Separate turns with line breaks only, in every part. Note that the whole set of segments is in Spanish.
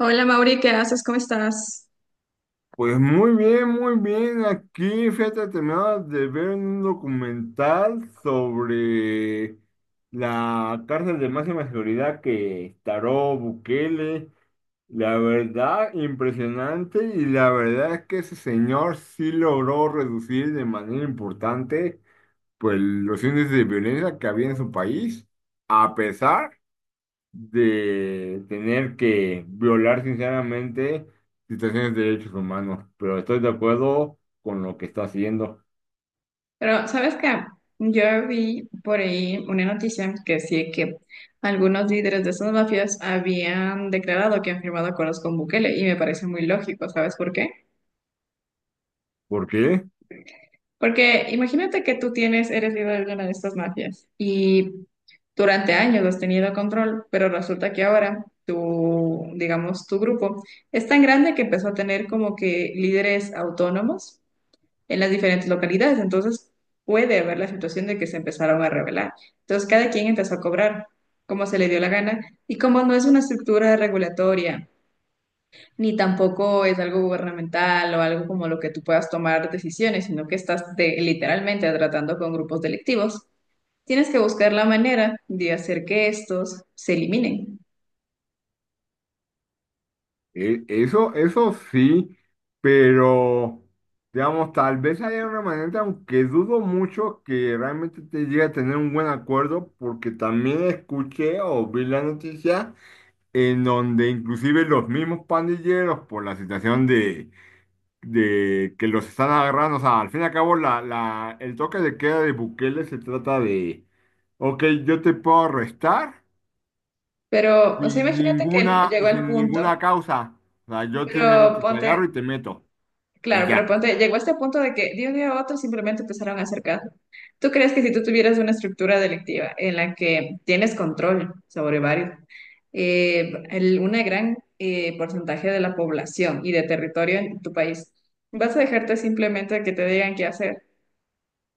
Hola Mauri, ¿qué haces? ¿Cómo estás?
Pues muy bien, muy bien. Aquí, fíjate, terminaba de ver un documental sobre la cárcel de máxima seguridad que instauró Bukele. La verdad, impresionante. Y la verdad es que ese señor sí logró reducir de manera importante, pues, los índices de violencia que había en su país, a pesar de tener que violar sinceramente situaciones de derechos humanos, pero estoy de acuerdo con lo que está haciendo.
Pero, ¿sabes qué? Yo vi por ahí una noticia que decía que algunos líderes de esas mafias habían declarado que han firmado acuerdos con Bukele y me parece muy lógico, ¿sabes por qué?
¿Por qué?
Porque imagínate que tú tienes, eres líder de una de estas mafias y durante años has tenido control, pero resulta que ahora tu, digamos, tu grupo es tan grande que empezó a tener como que líderes autónomos en las diferentes localidades. Entonces, puede haber la situación de que se empezaron a rebelar. Entonces, cada quien empezó a cobrar como se le dio la gana y como no es una estructura regulatoria, ni tampoco es algo gubernamental o algo como lo que tú puedas tomar decisiones, sino que estás de- literalmente tratando con grupos delictivos. Tienes que buscar la manera de hacer que estos se eliminen.
Eso, eso sí, pero digamos, tal vez haya una manera, aunque dudo mucho que realmente te llegue a tener un buen acuerdo, porque también escuché o vi la noticia en donde inclusive los mismos pandilleros por la situación de que los están agarrando. O sea, al fin y al cabo, el toque de queda de Bukele se trata de, ok, yo te puedo arrestar
Pero, o sea,
sin
imagínate que
ninguna,
llegó al
sin
punto,
ninguna causa. O sea, yo
pero
simplemente te agarro
ponte.
y te meto. Y
Claro, pero
ya.
ponte, llegó a este punto de que de un día a otro simplemente empezaron a hacer caso. ¿Tú crees que si tú tuvieras una estructura delictiva en la que tienes control sobre varios, el- una gran porcentaje de la población y de territorio en tu país, vas a dejarte simplemente que te digan qué hacer?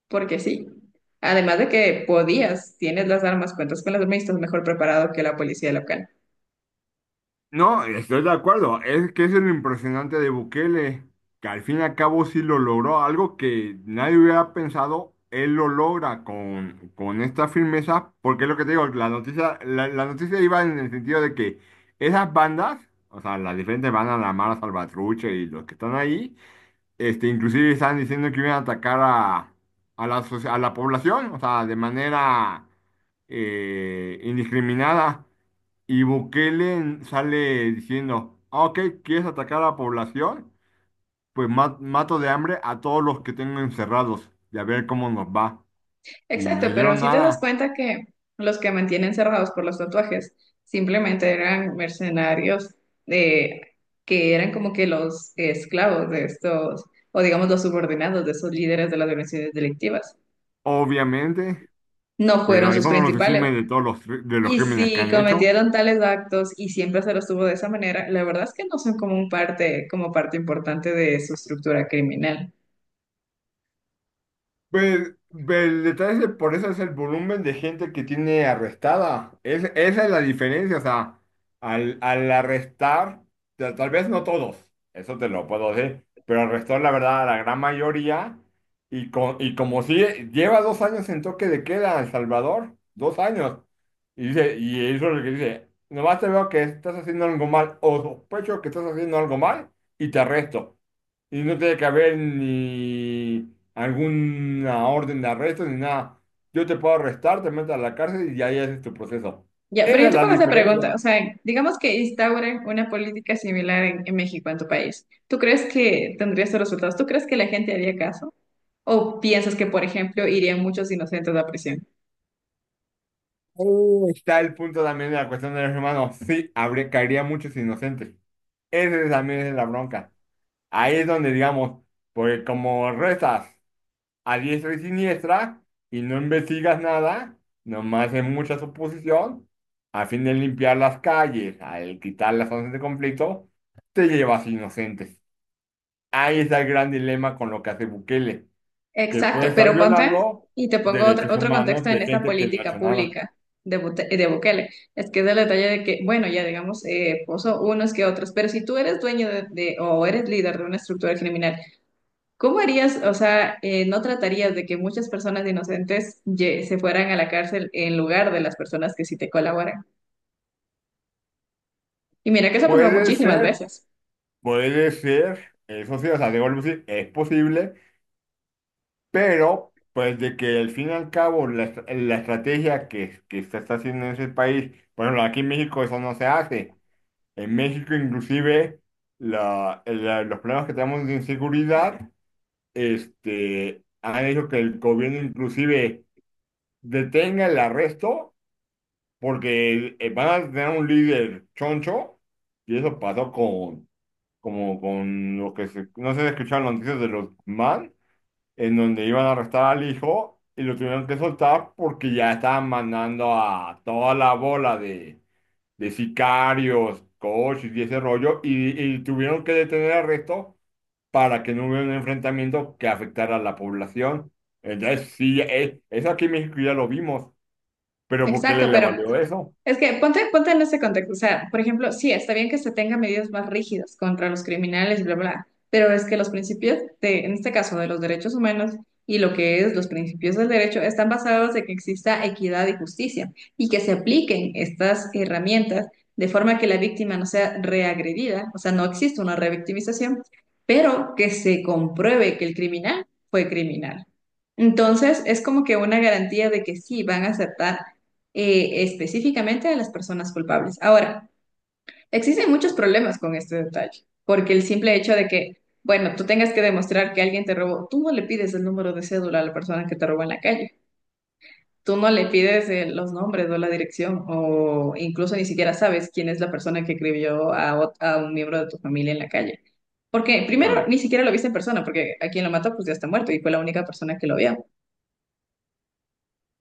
Porque sí. Además de que podías, tienes las armas, cuentas con las armas y estás mejor preparado que la policía local.
No, estoy de acuerdo. Es que es lo impresionante de Bukele, que al fin y al cabo sí lo logró, algo que nadie hubiera pensado, él lo logra con esta firmeza, porque es lo que te digo, la noticia, la noticia iba en el sentido de que esas bandas, o sea, las diferentes bandas, la Mara Salvatrucha y los que están ahí, este, inclusive están diciendo que iban a atacar a la, a la población, o sea, de manera indiscriminada. Y Bukele sale diciendo: "Ah, ok, ¿quieres atacar a la población? Pues mato de hambre a todos los que tengo encerrados y a ver cómo nos va". Y no
Exacto, pero
hicieron
si te das
nada,
cuenta que los que mantienen cerrados por los tatuajes simplemente eran mercenarios de, que eran como que los esclavos de estos, o digamos los subordinados de esos líderes de las organizaciones delictivas.
obviamente,
No fueron
pero
sus
eso no los
principales.
exime de todos los, de los
Y
crímenes que
si
han hecho.
cometieron tales actos y siempre se los tuvo de esa manera, la verdad es que no son como un parte, como parte importante de su estructura criminal.
Pues, el detalle es que por eso es el volumen de gente que tiene arrestada. Es, esa es la diferencia. O sea, al arrestar, tal vez no todos, eso te lo puedo decir, pero arrestó la verdad a la gran mayoría. Y, y como si lleva 2 años en toque de queda en El Salvador, 2 años. Y dice, y eso es lo que dice, nomás te veo que estás haciendo algo mal o sospecho que estás haciendo algo mal y te arresto. Y no tiene que haber ni alguna orden de arresto ni nada. Yo te puedo arrestar, te meto a la cárcel y ahí es tu proceso.
Ya, pero
Esa
yo
es
te
la
pongo esta
diferencia.
pregunta, o sea, digamos que instauren una política similar en México, en tu país. ¿Tú crees que tendría estos resultados? ¿Tú crees que la gente haría caso? ¿O piensas que, por ejemplo, irían muchos inocentes a prisión?
Ahí está el punto también de la cuestión de los hermanos. Sí, habría, caería muchos inocentes. Esa también es la bronca. Ahí es donde digamos, porque como restas a diestra y siniestra y no investigas nada, nomás es mucha suposición, a fin de limpiar las calles, al quitar las zonas de conflicto, te llevas inocentes. Ahí está el gran dilema con lo que hace Bukele, que puede
Exacto,
estar
pero ponte
violando
y te pongo otro,
derechos
otro contexto
humanos de
en esta
gente que no ha
política
hecho nada.
pública de, Bute- de Bukele. Es que es el detalle de que, bueno, ya digamos, puso unos que otros, pero si tú eres dueño de- o eres líder de una estructura criminal, ¿cómo harías, o sea, no tratarías de que muchas personas inocentes ye- se fueran a la cárcel en lugar de las personas que sí te colaboran? Y mira que eso ha pasado
Puede
muchísimas
ser,
veces.
puede ser, eso sí, o sea, debo decir, es posible. Pero, pues, de que al fin y al cabo la estrategia que se está haciendo en ese país, bueno, aquí en México eso no se hace. En México inclusive los problemas que tenemos de inseguridad, este, han hecho que el gobierno inclusive detenga el arresto porque van a tener un líder choncho y eso pasó con, como con lo que se, no sé si escucharon las noticias de los man en donde iban a arrestar al hijo y lo tuvieron que soltar porque ya estaban mandando a toda la bola de sicarios, coches y ese rollo, y tuvieron que detener al resto para que no hubiera un enfrentamiento que afectara a la población. Entonces, sí, eso aquí en México ya lo vimos, pero ¿por qué le,
Exacto,
le
pero
valió eso?
es que ponte, ponte en ese contexto. O sea, por ejemplo, sí, está bien que se tengan medidas más rígidas contra los criminales, bla, bla, pero es que los principios de, en este caso, de los derechos humanos y lo que es los principios del derecho están basados en que exista equidad y justicia y que se apliquen estas herramientas de forma que la víctima no sea reagredida, o sea, no existe una revictimización, pero que se compruebe que el criminal fue criminal. Entonces, es como que una garantía de que sí van a aceptar específicamente a las personas culpables. Ahora, existen muchos problemas con este detalle, porque el simple hecho de que, bueno, tú tengas que demostrar que alguien te robó, tú no le pides el número de cédula a la persona que te robó en la calle, tú no le pides los nombres o la dirección, o incluso ni siquiera sabes quién es la persona que escribió a, ot- a un miembro de tu familia en la calle. Porque primero
Claro.
ni siquiera lo viste en persona, porque a quien lo mató pues ya está muerto y fue la única persona que lo vio.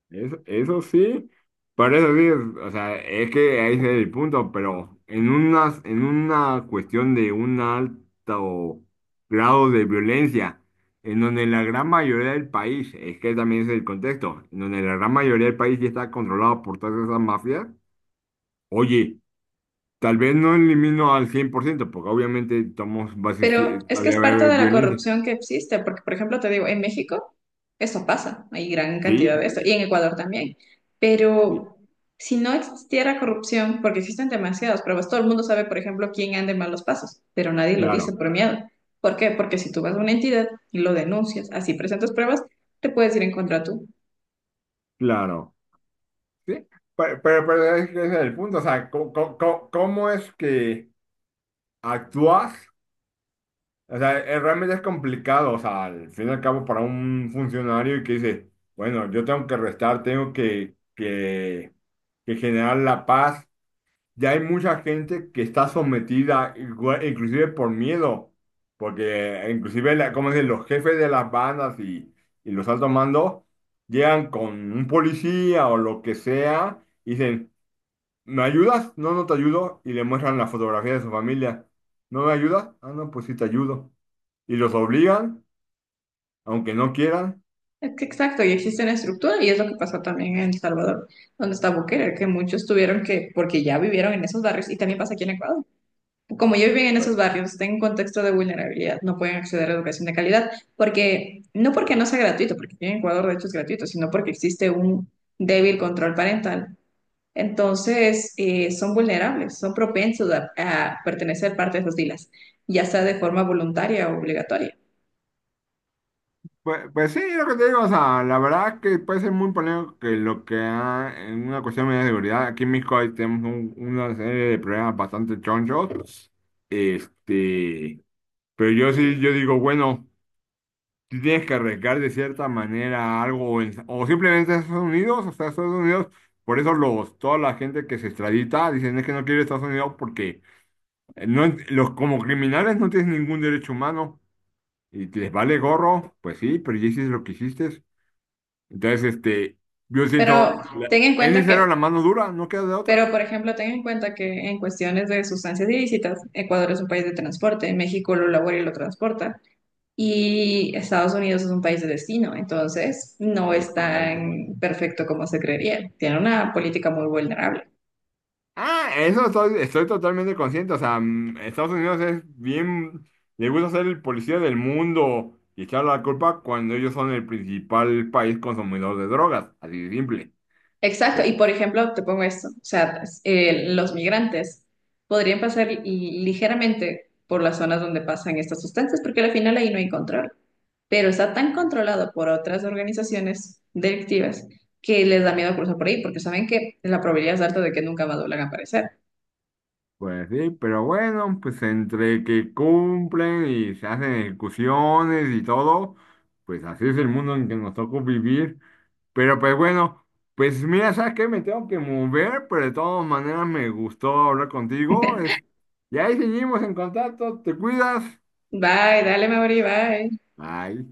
Eso sí, para eso sí, o sea, es que ahí es el punto, pero en unas, en una cuestión de un alto grado de violencia, en donde la gran mayoría del país, es que también es el contexto, en donde la gran mayoría del país ya está controlado por todas esas mafias, oye, tal vez no elimino al 100% porque obviamente estamos, va a
Pero
existir,
es que es
todavía va a
parte
haber
de la
violencia.
corrupción que existe, porque, por ejemplo, te digo, en México eso pasa, hay gran cantidad de
Sí,
esto, y en Ecuador también.
sí,
Pero si no existiera corrupción, porque existen demasiadas pruebas, todo el mundo sabe, por ejemplo, quién anda en malos pasos, pero nadie lo dice
claro,
por miedo. ¿Por qué? Porque si tú vas a una entidad y lo denuncias, así presentas pruebas, te puedes ir en contra tú.
claro. Sí, pero es que ese es el punto, o sea, ¿cómo es que actúas? O sea, realmente es complicado, o sea, al fin y al cabo para un funcionario que dice, bueno, yo tengo que restar, tengo que generar la paz. Ya hay mucha gente que está sometida, inclusive por miedo, porque inclusive, como dicen, los jefes de las bandas y los altos mandos llegan con un policía o lo que sea. Y dicen: ¿Me ayudas? No, no te ayudo. Y le muestran la fotografía de su familia. ¿No me ayudas? Ah, no, pues sí te ayudo. Y los obligan, aunque no quieran.
Es que exacto, y existe una estructura, y es lo que pasó también en El Salvador, donde está Bukele, que muchos tuvieron que, porque ya vivieron en esos barrios, y también pasa aquí en Ecuador como ellos viven en esos
Pues,
barrios, están en contexto de vulnerabilidad, no pueden acceder a educación de calidad, porque no sea gratuito, porque aquí en Ecuador de hecho es gratuito, sino porque existe un débil control parental. Entonces, son vulnerables, son propensos a pertenecer parte de esas filas, ya sea de forma voluntaria o obligatoria.
pues sí, lo que te digo, o sea, la verdad que puede ser muy polémico que lo que ha, en una cuestión de seguridad, aquí en México ahí tenemos una serie de problemas bastante chonchos, este, pero yo sí, yo digo, bueno, tú tienes que arriesgar de cierta manera algo, o simplemente a Estados Unidos, o sea, Estados Unidos, por eso los, toda la gente que se extradita dicen es que no quiere Estados Unidos porque no, los, como criminales no tienes ningún derecho humano y te les vale gorro, pues sí, pero ya hiciste lo que hiciste. Entonces, este, yo
Pero
siento, la-
ten en
es
cuenta que,
necesario la mano dura, no queda de
pero
otra.
por ejemplo, ten en cuenta que en cuestiones de sustancias ilícitas, Ecuador es un país de transporte, México lo labora y lo transporta. Y Estados Unidos es un país de destino, entonces no
Es
es
correcto.
tan perfecto como se creería. Tiene una política muy vulnerable.
Ah, eso estoy, estoy totalmente consciente. O sea, Estados Unidos es bien, le gusta ser el policía del mundo y echar la culpa cuando ellos son el principal país consumidor de drogas, así de simple.
Exacto,
Pero,
y por ejemplo, te pongo esto, o sea, los migrantes podrían pasar li- ligeramente por las zonas donde pasan estas sustancias, porque al final ahí no hay control, pero está tan controlado por otras organizaciones delictivas que les da miedo cruzar por ahí, porque saben que la probabilidad es alta de que nunca más vuelvan a aparecer.
pues sí, pero bueno, pues entre que cumplen y se hacen ejecuciones y todo, pues así es el mundo en que nos tocó vivir. Pero pues bueno, pues mira, ¿sabes qué? Me tengo que mover, pero de todas maneras me gustó hablar contigo. Es... Y ahí seguimos en contacto. Te cuidas.
Bye, dale, Mauri, bye.
Bye.